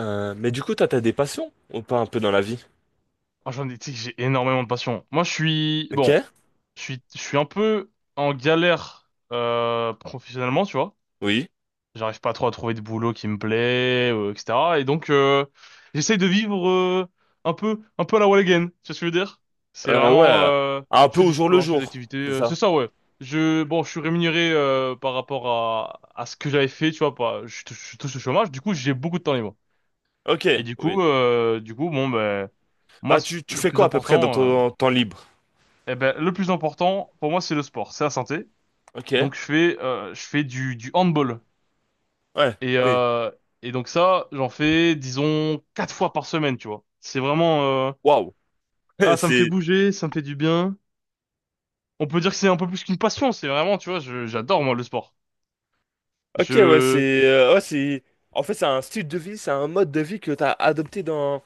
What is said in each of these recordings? Mais du coup, toi, t'as des passions ou pas un peu dans la vie? Oh, j'en ai, tu sais que j'ai énormément de passion. Moi, Ok, bon, je suis un peu en galère professionnellement, tu vois. oui. J'arrive pas trop à trouver de boulot qui me plaît, etc. Et donc, j'essaye de vivre un peu à la wall again. Tu vois ce que je veux dire? C'est vraiment, Ouais, euh, un je peu fais au du jour le sport, je fais des jour, activités. c'est C'est ça? ça, ouais. Bon, je suis rémunéré par rapport à ce que j'avais fait, tu vois. Pas, je, touche- Je touche le chômage. Du coup, j'ai beaucoup de temps libre. Ok, Et du oui. coup, euh, du coup, bon, ben. Moi, Bah, tu fais quoi à peu près dans ton temps libre? eh ben, le plus important pour moi, c'est le sport, c'est la santé. Ok, Donc je fais du handball. ouais, Et, oui. euh, et donc ça, j'en fais, disons, quatre fois par semaine, tu vois. Waouh, Ah, ça me fait c'est. bouger, ça me fait du bien. On peut dire que c'est un peu plus qu'une passion, c'est vraiment, tu vois, j'adore moi le sport. Ok, Je ouais, c'est. Ouais, c'est. En fait, c'est un style de vie, c'est un mode de vie que t'as adopté dans.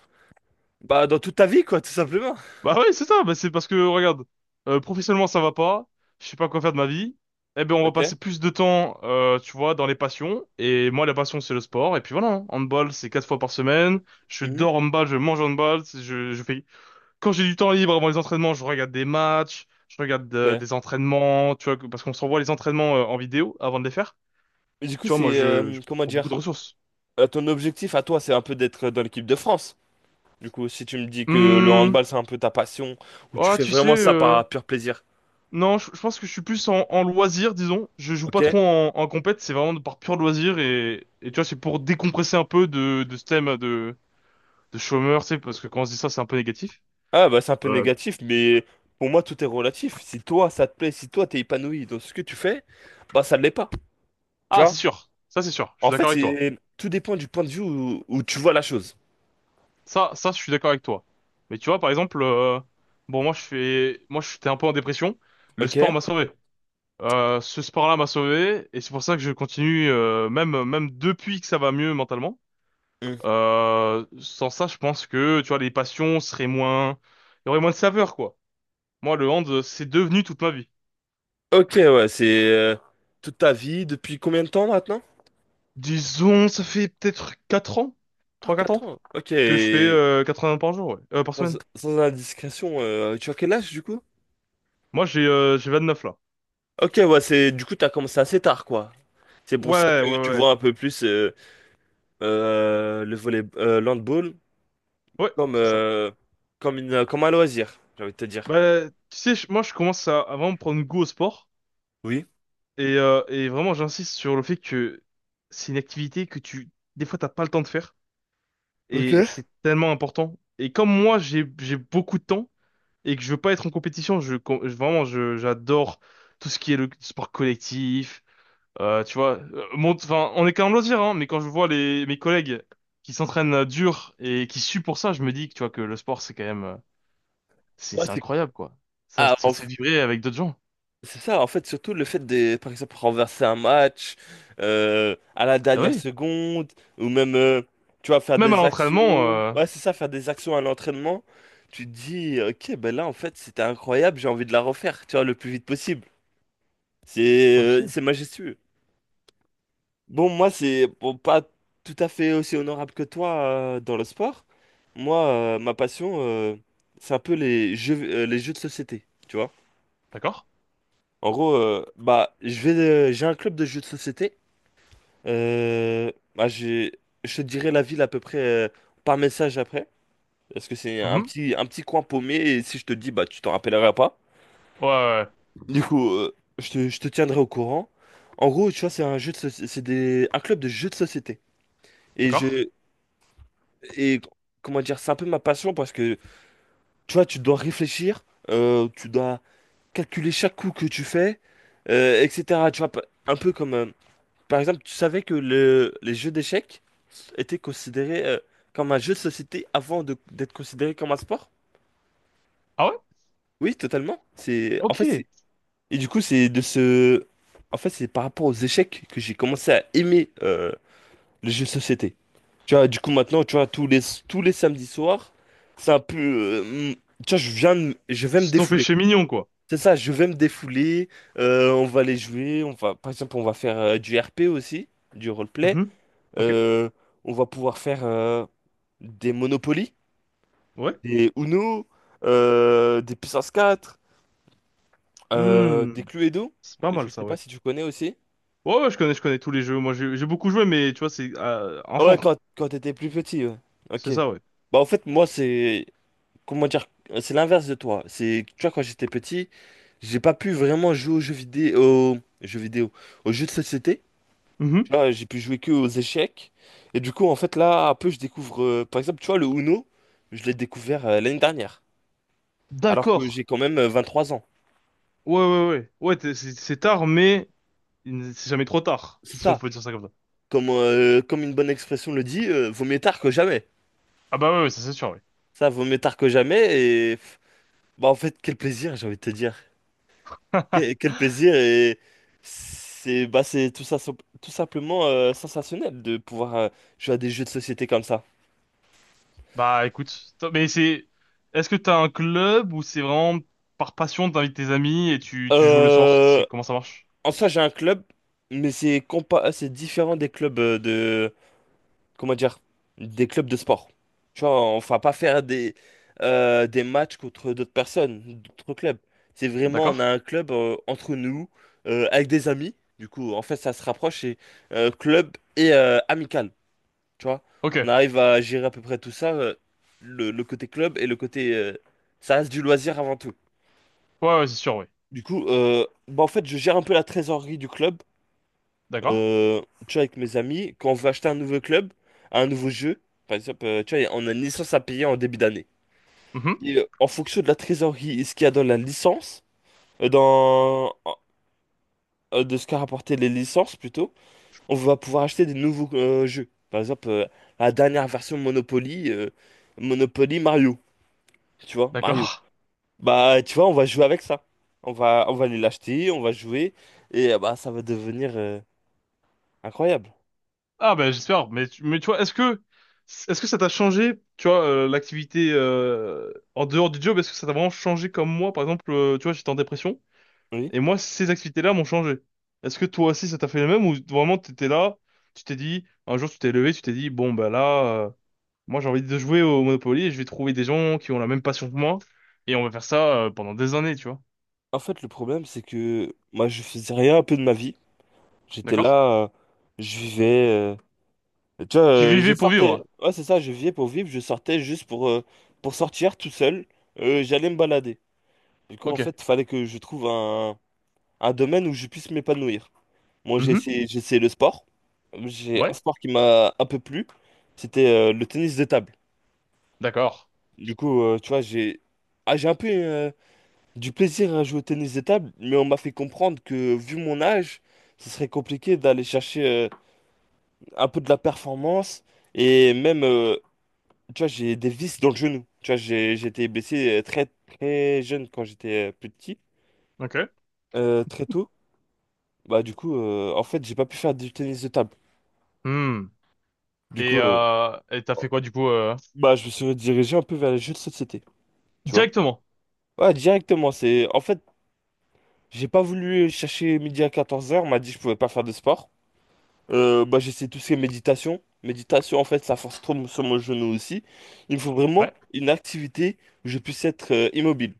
Bah, dans toute ta vie, quoi, tout simplement. Bah ouais, c'est ça, bah c'est parce que regarde, professionnellement ça va pas, je sais pas quoi faire de ma vie. Eh ben on va Ok. passer plus de temps tu vois dans les passions et moi la passion c'est le sport et puis voilà, hein. Handball c'est quatre fois par semaine, je Mhm. dors handball, je mange handball, je fais quand j'ai du temps libre avant les entraînements, je regarde des matchs, je regarde Ok. des entraînements, tu vois parce qu'on se renvoie les entraînements en vidéo avant de les faire. Mais du coup, Tu vois moi c'est. je Comment prends beaucoup de dire? ressources. Ton objectif à toi, c'est un peu d'être dans l'équipe de France. Du coup, si tu me dis que le Hum, handball, c'est un peu ta passion, ou tu ah fais tu sais vraiment ça par pur plaisir, non, je pense que je suis plus en, en loisir, disons. Je joue ok? pas trop en compète, c'est vraiment par pur loisir et tu vois, c'est pour décompresser un peu de ce thème de chômeur, tu sais, parce que quand on se dit ça, c'est un peu négatif. Ah, bah c'est un peu Euh, négatif, mais pour moi, tout est relatif. Si toi, ça te plaît, si toi, t'es épanoui dans ce que tu fais, bah ça ne l'est pas, tu ah, c'est vois? sûr. Ça, c'est sûr. Je suis En fait, d'accord avec toi. c'est tout dépend du point de vue où tu vois la chose, Ça, je suis d'accord avec toi. Mais tu vois, par exemple, bon, moi, j'étais un peu en dépression. Le sport ok? m'a sauvé. Ce sport-là m'a sauvé et c'est pour ça que je continue, même depuis que ça va mieux mentalement. Hmm. Sans ça, je pense que, tu vois, les passions seraient moins. Il y aurait moins de saveur, quoi. Moi, le hand, c'est devenu toute ma vie. Ok, ouais, c'est toute ta vie, depuis combien de temps maintenant? Disons, ça fait peut-être 4 ans, Ah, trois quatre 4 ans, ans, ok. que je fais vingts par jour, ouais. Par semaine. Sans indiscrétion, tu as quel âge, du coup? Moi, j'ai neuf là. Ok, ouais, c'est du coup, t'as commencé assez tard, quoi. C'est pour ça Ouais, ouais, que tu ouais. vois un peu plus le volley, l'handball Ouais, comme, c'est ça. euh, comme un loisir, j'ai envie de te dire. Bah, tu sais, moi, je commence à vraiment prendre goût au sport. Oui. Et vraiment, j'insiste sur le fait que c'est une activité que tu. Des fois, t'as pas le temps de faire. Et Ok. c'est tellement important. Et comme moi, j'ai beaucoup de temps, et que je veux pas être en compétition. Vraiment, j'adore tout ce qui est le sport collectif. Tu vois, enfin, on est quand même loisir, hein, mais quand je vois mes collègues qui s'entraînent dur et qui suent pour ça, je me dis que tu vois que le sport, c'est quand même, c'est, Ouais, c'est incroyable, quoi. Ça, ah, en ça se fait f- vibrer avec d'autres gens. c'est ça, en fait, surtout le fait de, par exemple, renverser un match à la Ah dernière oui. seconde, ou même, tu vois, faire Même à des l'entraînement, actions. Ouais, c'est ça, faire des actions à l'entraînement. Tu te dis, ok, ben là, en fait, c'était incroyable, j'ai envie de la refaire, tu vois, le plus vite possible. C'est euh, ok, c'est majestueux. Bon, moi, c'est bon, pas tout à fait aussi honorable que toi dans le sport. Moi, ma passion, c'est un peu les jeux de société, tu vois. d'accord. En gros, bah, j'ai un club de jeux de société. Bah, je te dirai la ville à peu près par message après, parce que c'est Mhm. Un petit coin paumé. Et si je te dis, bah, tu t'en rappelleras pas. Ouais, ouais, ouais, Du coup, je te tiendrai au courant. En gros, tu vois, c'est un jeu de soci- c'est des, un club de jeux de société. Et d'accord. je, Et comment dire, c'est un peu ma passion parce que tu vois, tu dois réfléchir, tu dois calculer chaque coup que tu fais, etc. Tu vois, un peu comme par exemple, tu savais que les jeux d'échecs étaient considérés comme un jeu de société d'être considéré comme un sport? Ah ouais? Oui, totalement. C'est en Ok. fait, c'est- et du coup, c'est de ce en fait, c'est par rapport aux échecs que j'ai commencé à aimer les jeux de société. Tu vois, du coup, maintenant, tu vois, tous les samedis soirs, c'est un peu. Tu vois, je vais me C'est ton défouler. péché mignon, quoi. C'est ça, je vais me défouler. On va les jouer. On va, par exemple, on va faire du RP aussi, du roleplay. Mhm. Ok. Euh, on va pouvoir faire des Monopoly, Ouais. des Uno, des Puissance quatre, Hmm. des Cluedo. C'est pas Je mal, sais ça, pas ouais. si tu connais aussi. Ouais, ouais, je connais tous les jeux. Moi, j'ai beaucoup joué, mais tu vois, c'est enfant. Ouais, quand t'étais plus petit, ouais. C'est Ok. ça, ouais. Bah, en fait, moi, c'est. Comment dire, c'est l'inverse de toi. C'est, tu vois, quand j'étais petit, j'ai pas pu vraiment jouer aux jeux vidéo, jeux vidéo, aux jeux de société. Mhm. Tu vois, j'ai pu jouer que aux échecs. Et du coup, en fait, là, un peu, je découvre, par exemple, tu vois, le Uno, je l'ai découvert l'année dernière, alors que D'accord. j'ai quand même 23 ans. Ouais, ouais, ouais. Ouais, c'est tard, mais c'est jamais trop tard, C'est si on ça, peut dire ça comme ça. comme une bonne expression le dit, vaut mieux tard que jamais. Ah bah ouais, ouais, ça c'est sûr, oui. Ça, vaut mieux tard que jamais. Et pff, bah, en fait, quel plaisir, j'ai envie de te dire. Quel plaisir et c'est tout ça tout simplement sensationnel de pouvoir jouer à des jeux de société comme ça. Bah écoute, mais c'est. Est-ce que t'as un club ou c'est vraiment par passion, t'invites tes amis et tu joues le soir? Euh, C'est comment ça marche? En soi, j'ai un club, mais c'est différent des clubs de, comment dire, des clubs de sport. Tu vois, on va pas faire des matchs contre d'autres personnes, d'autres clubs. C'est vraiment D'accord? on a un club entre nous, avec des amis. Du coup, en fait, ça se rapproche, c'est club et amical. Tu vois, Ok. on Ouais, arrive à gérer à peu près tout ça, le côté club et le côté... ça reste du loisir avant tout. ouais, c'est sûr, oui. Du coup, bah en fait, je gère un peu la trésorerie du club. D'accord? Euh, Tu vois, avec mes amis, quand on veut acheter un nouveau jeu, par exemple, tu vois, on a une licence à payer en début d'année. Mhm. Et en fonction de la trésorerie et ce qu'il y a dans la licence, euh, dans, de ce qu'a rapporté les licences plutôt, on va pouvoir acheter des nouveaux jeux. Par exemple, la dernière version Monopoly, Monopoly Mario. Tu vois, Mario. D'accord. Bah, tu vois, on va jouer avec ça. On va aller l'acheter, on va jouer, et bah, ça va devenir incroyable. Ah ben j'espère, mais tu vois, est-ce que ça t'a changé, tu vois, l'activité en dehors du job, est-ce que ça t'a vraiment changé comme moi, par exemple, tu vois, j'étais en dépression Oui. et moi ces activités-là m'ont changé. Est-ce que toi aussi ça t'a fait le même ou vraiment t'étais là, tu t'es dit un jour tu t'es levé, tu t'es dit bon ben là, moi j'ai envie de jouer au Monopoly et je vais trouver des gens qui ont la même passion que moi et on va faire ça pendant des années, tu vois, En fait, le problème, c'est que moi, je faisais rien un peu de ma vie. J'étais d'accord? là, je vivais. Tu vois, Tu je vivais pour sortais. vivre. Ouais, c'est ça, je vivais pour vivre, je sortais juste pour sortir tout seul. J'allais me balader. Du coup, en Ok. fait, il fallait que je trouve un domaine où je puisse m'épanouir. Moi, Mhm. J'ai essayé le sport. J'ai un Ouais. sport qui m'a un peu plu. C'était le tennis de table. D'accord. Du coup, tu vois, j'ai un peu du plaisir à jouer au tennis de table, mais on m'a fait comprendre que, vu mon âge, ce serait compliqué d'aller chercher un peu de la performance. Et même, tu vois, j'ai des vis dans le genou. Tu vois, j'ai été blessé très, très jeune quand j'étais plus petit, Ok. Très tôt. Bah, du coup, en fait, j'ai pas pu faire du tennis de table. Hmm. Du Et coup, euh, et t'as fait quoi du coup bah, je me suis redirigé un peu vers les jeux de société, tu vois. Directement. Ouais, directement, En fait, j'ai pas voulu chercher midi à 14h. On m'a dit que je pouvais pas faire de sport. Bah, j'essaie tout ce qui est méditation. Méditation, en fait, ça force trop sur mon genou aussi. Il me faut vraiment Ouais. une activité où je puisse être immobile.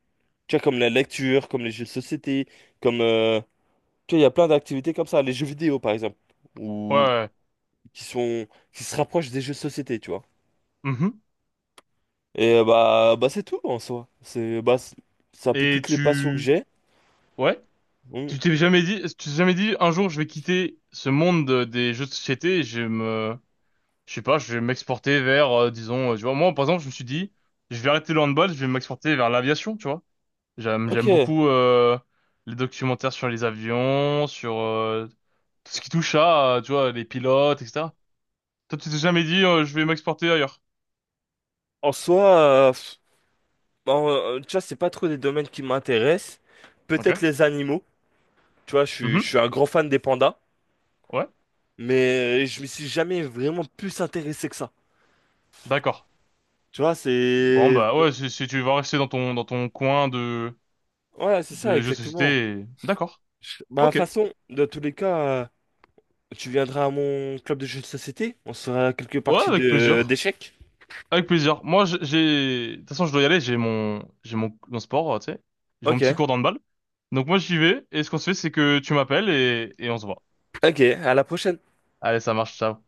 Tu vois, comme la lecture, comme les jeux de société, comme... euh, tu vois, il y a plein d'activités comme ça, les jeux vidéo, par exemple, Ouais. ou Ouais. qui sont... qui se rapprochent des jeux de société, tu vois. Mhm. Et bah c'est tout en soi. C'est bah, c'est un peu Et toutes les passions que tu j'ai. ouais, Mm. tu t'es jamais dit un jour je vais quitter ce monde des jeux de société et je sais pas, je vais m'exporter vers disons tu vois moi par exemple, je me suis dit je vais arrêter le handball, je vais m'exporter vers l'aviation, tu vois. J'aime Ok. j'aime beaucoup les documentaires sur les avions, sur tout ce qui touche à tu vois les pilotes etc. Toi tu t'es jamais dit je vais m'exporter ailleurs. En soi, pff, bon, tu vois, c'est pas trop des domaines qui m'intéressent. OK. Peut-être les animaux. Tu vois, je Mhm. suis un grand fan des pandas, Ouais. mais je me suis jamais vraiment plus intéressé que ça. D'accord. Tu vois, Bon bah ouais, si tu vas rester dans ton coin de ouais c'est ça, de jeux de exactement. société, d'accord. Bah, de toute Ok. façon, dans tous les cas, tu viendras à mon club de jeux de société. On se fera quelques Ouais, parties avec de plaisir. d'échecs. Avec plaisir. Moi j'ai de toute façon je dois y aller, j'ai mon sport, tu sais. J'ai mon petit Ok. cours d'handball. Donc moi j'y vais et ce qu'on se fait c'est que tu m'appelles et on se voit. Ok, à la prochaine. Allez, ça marche, ciao.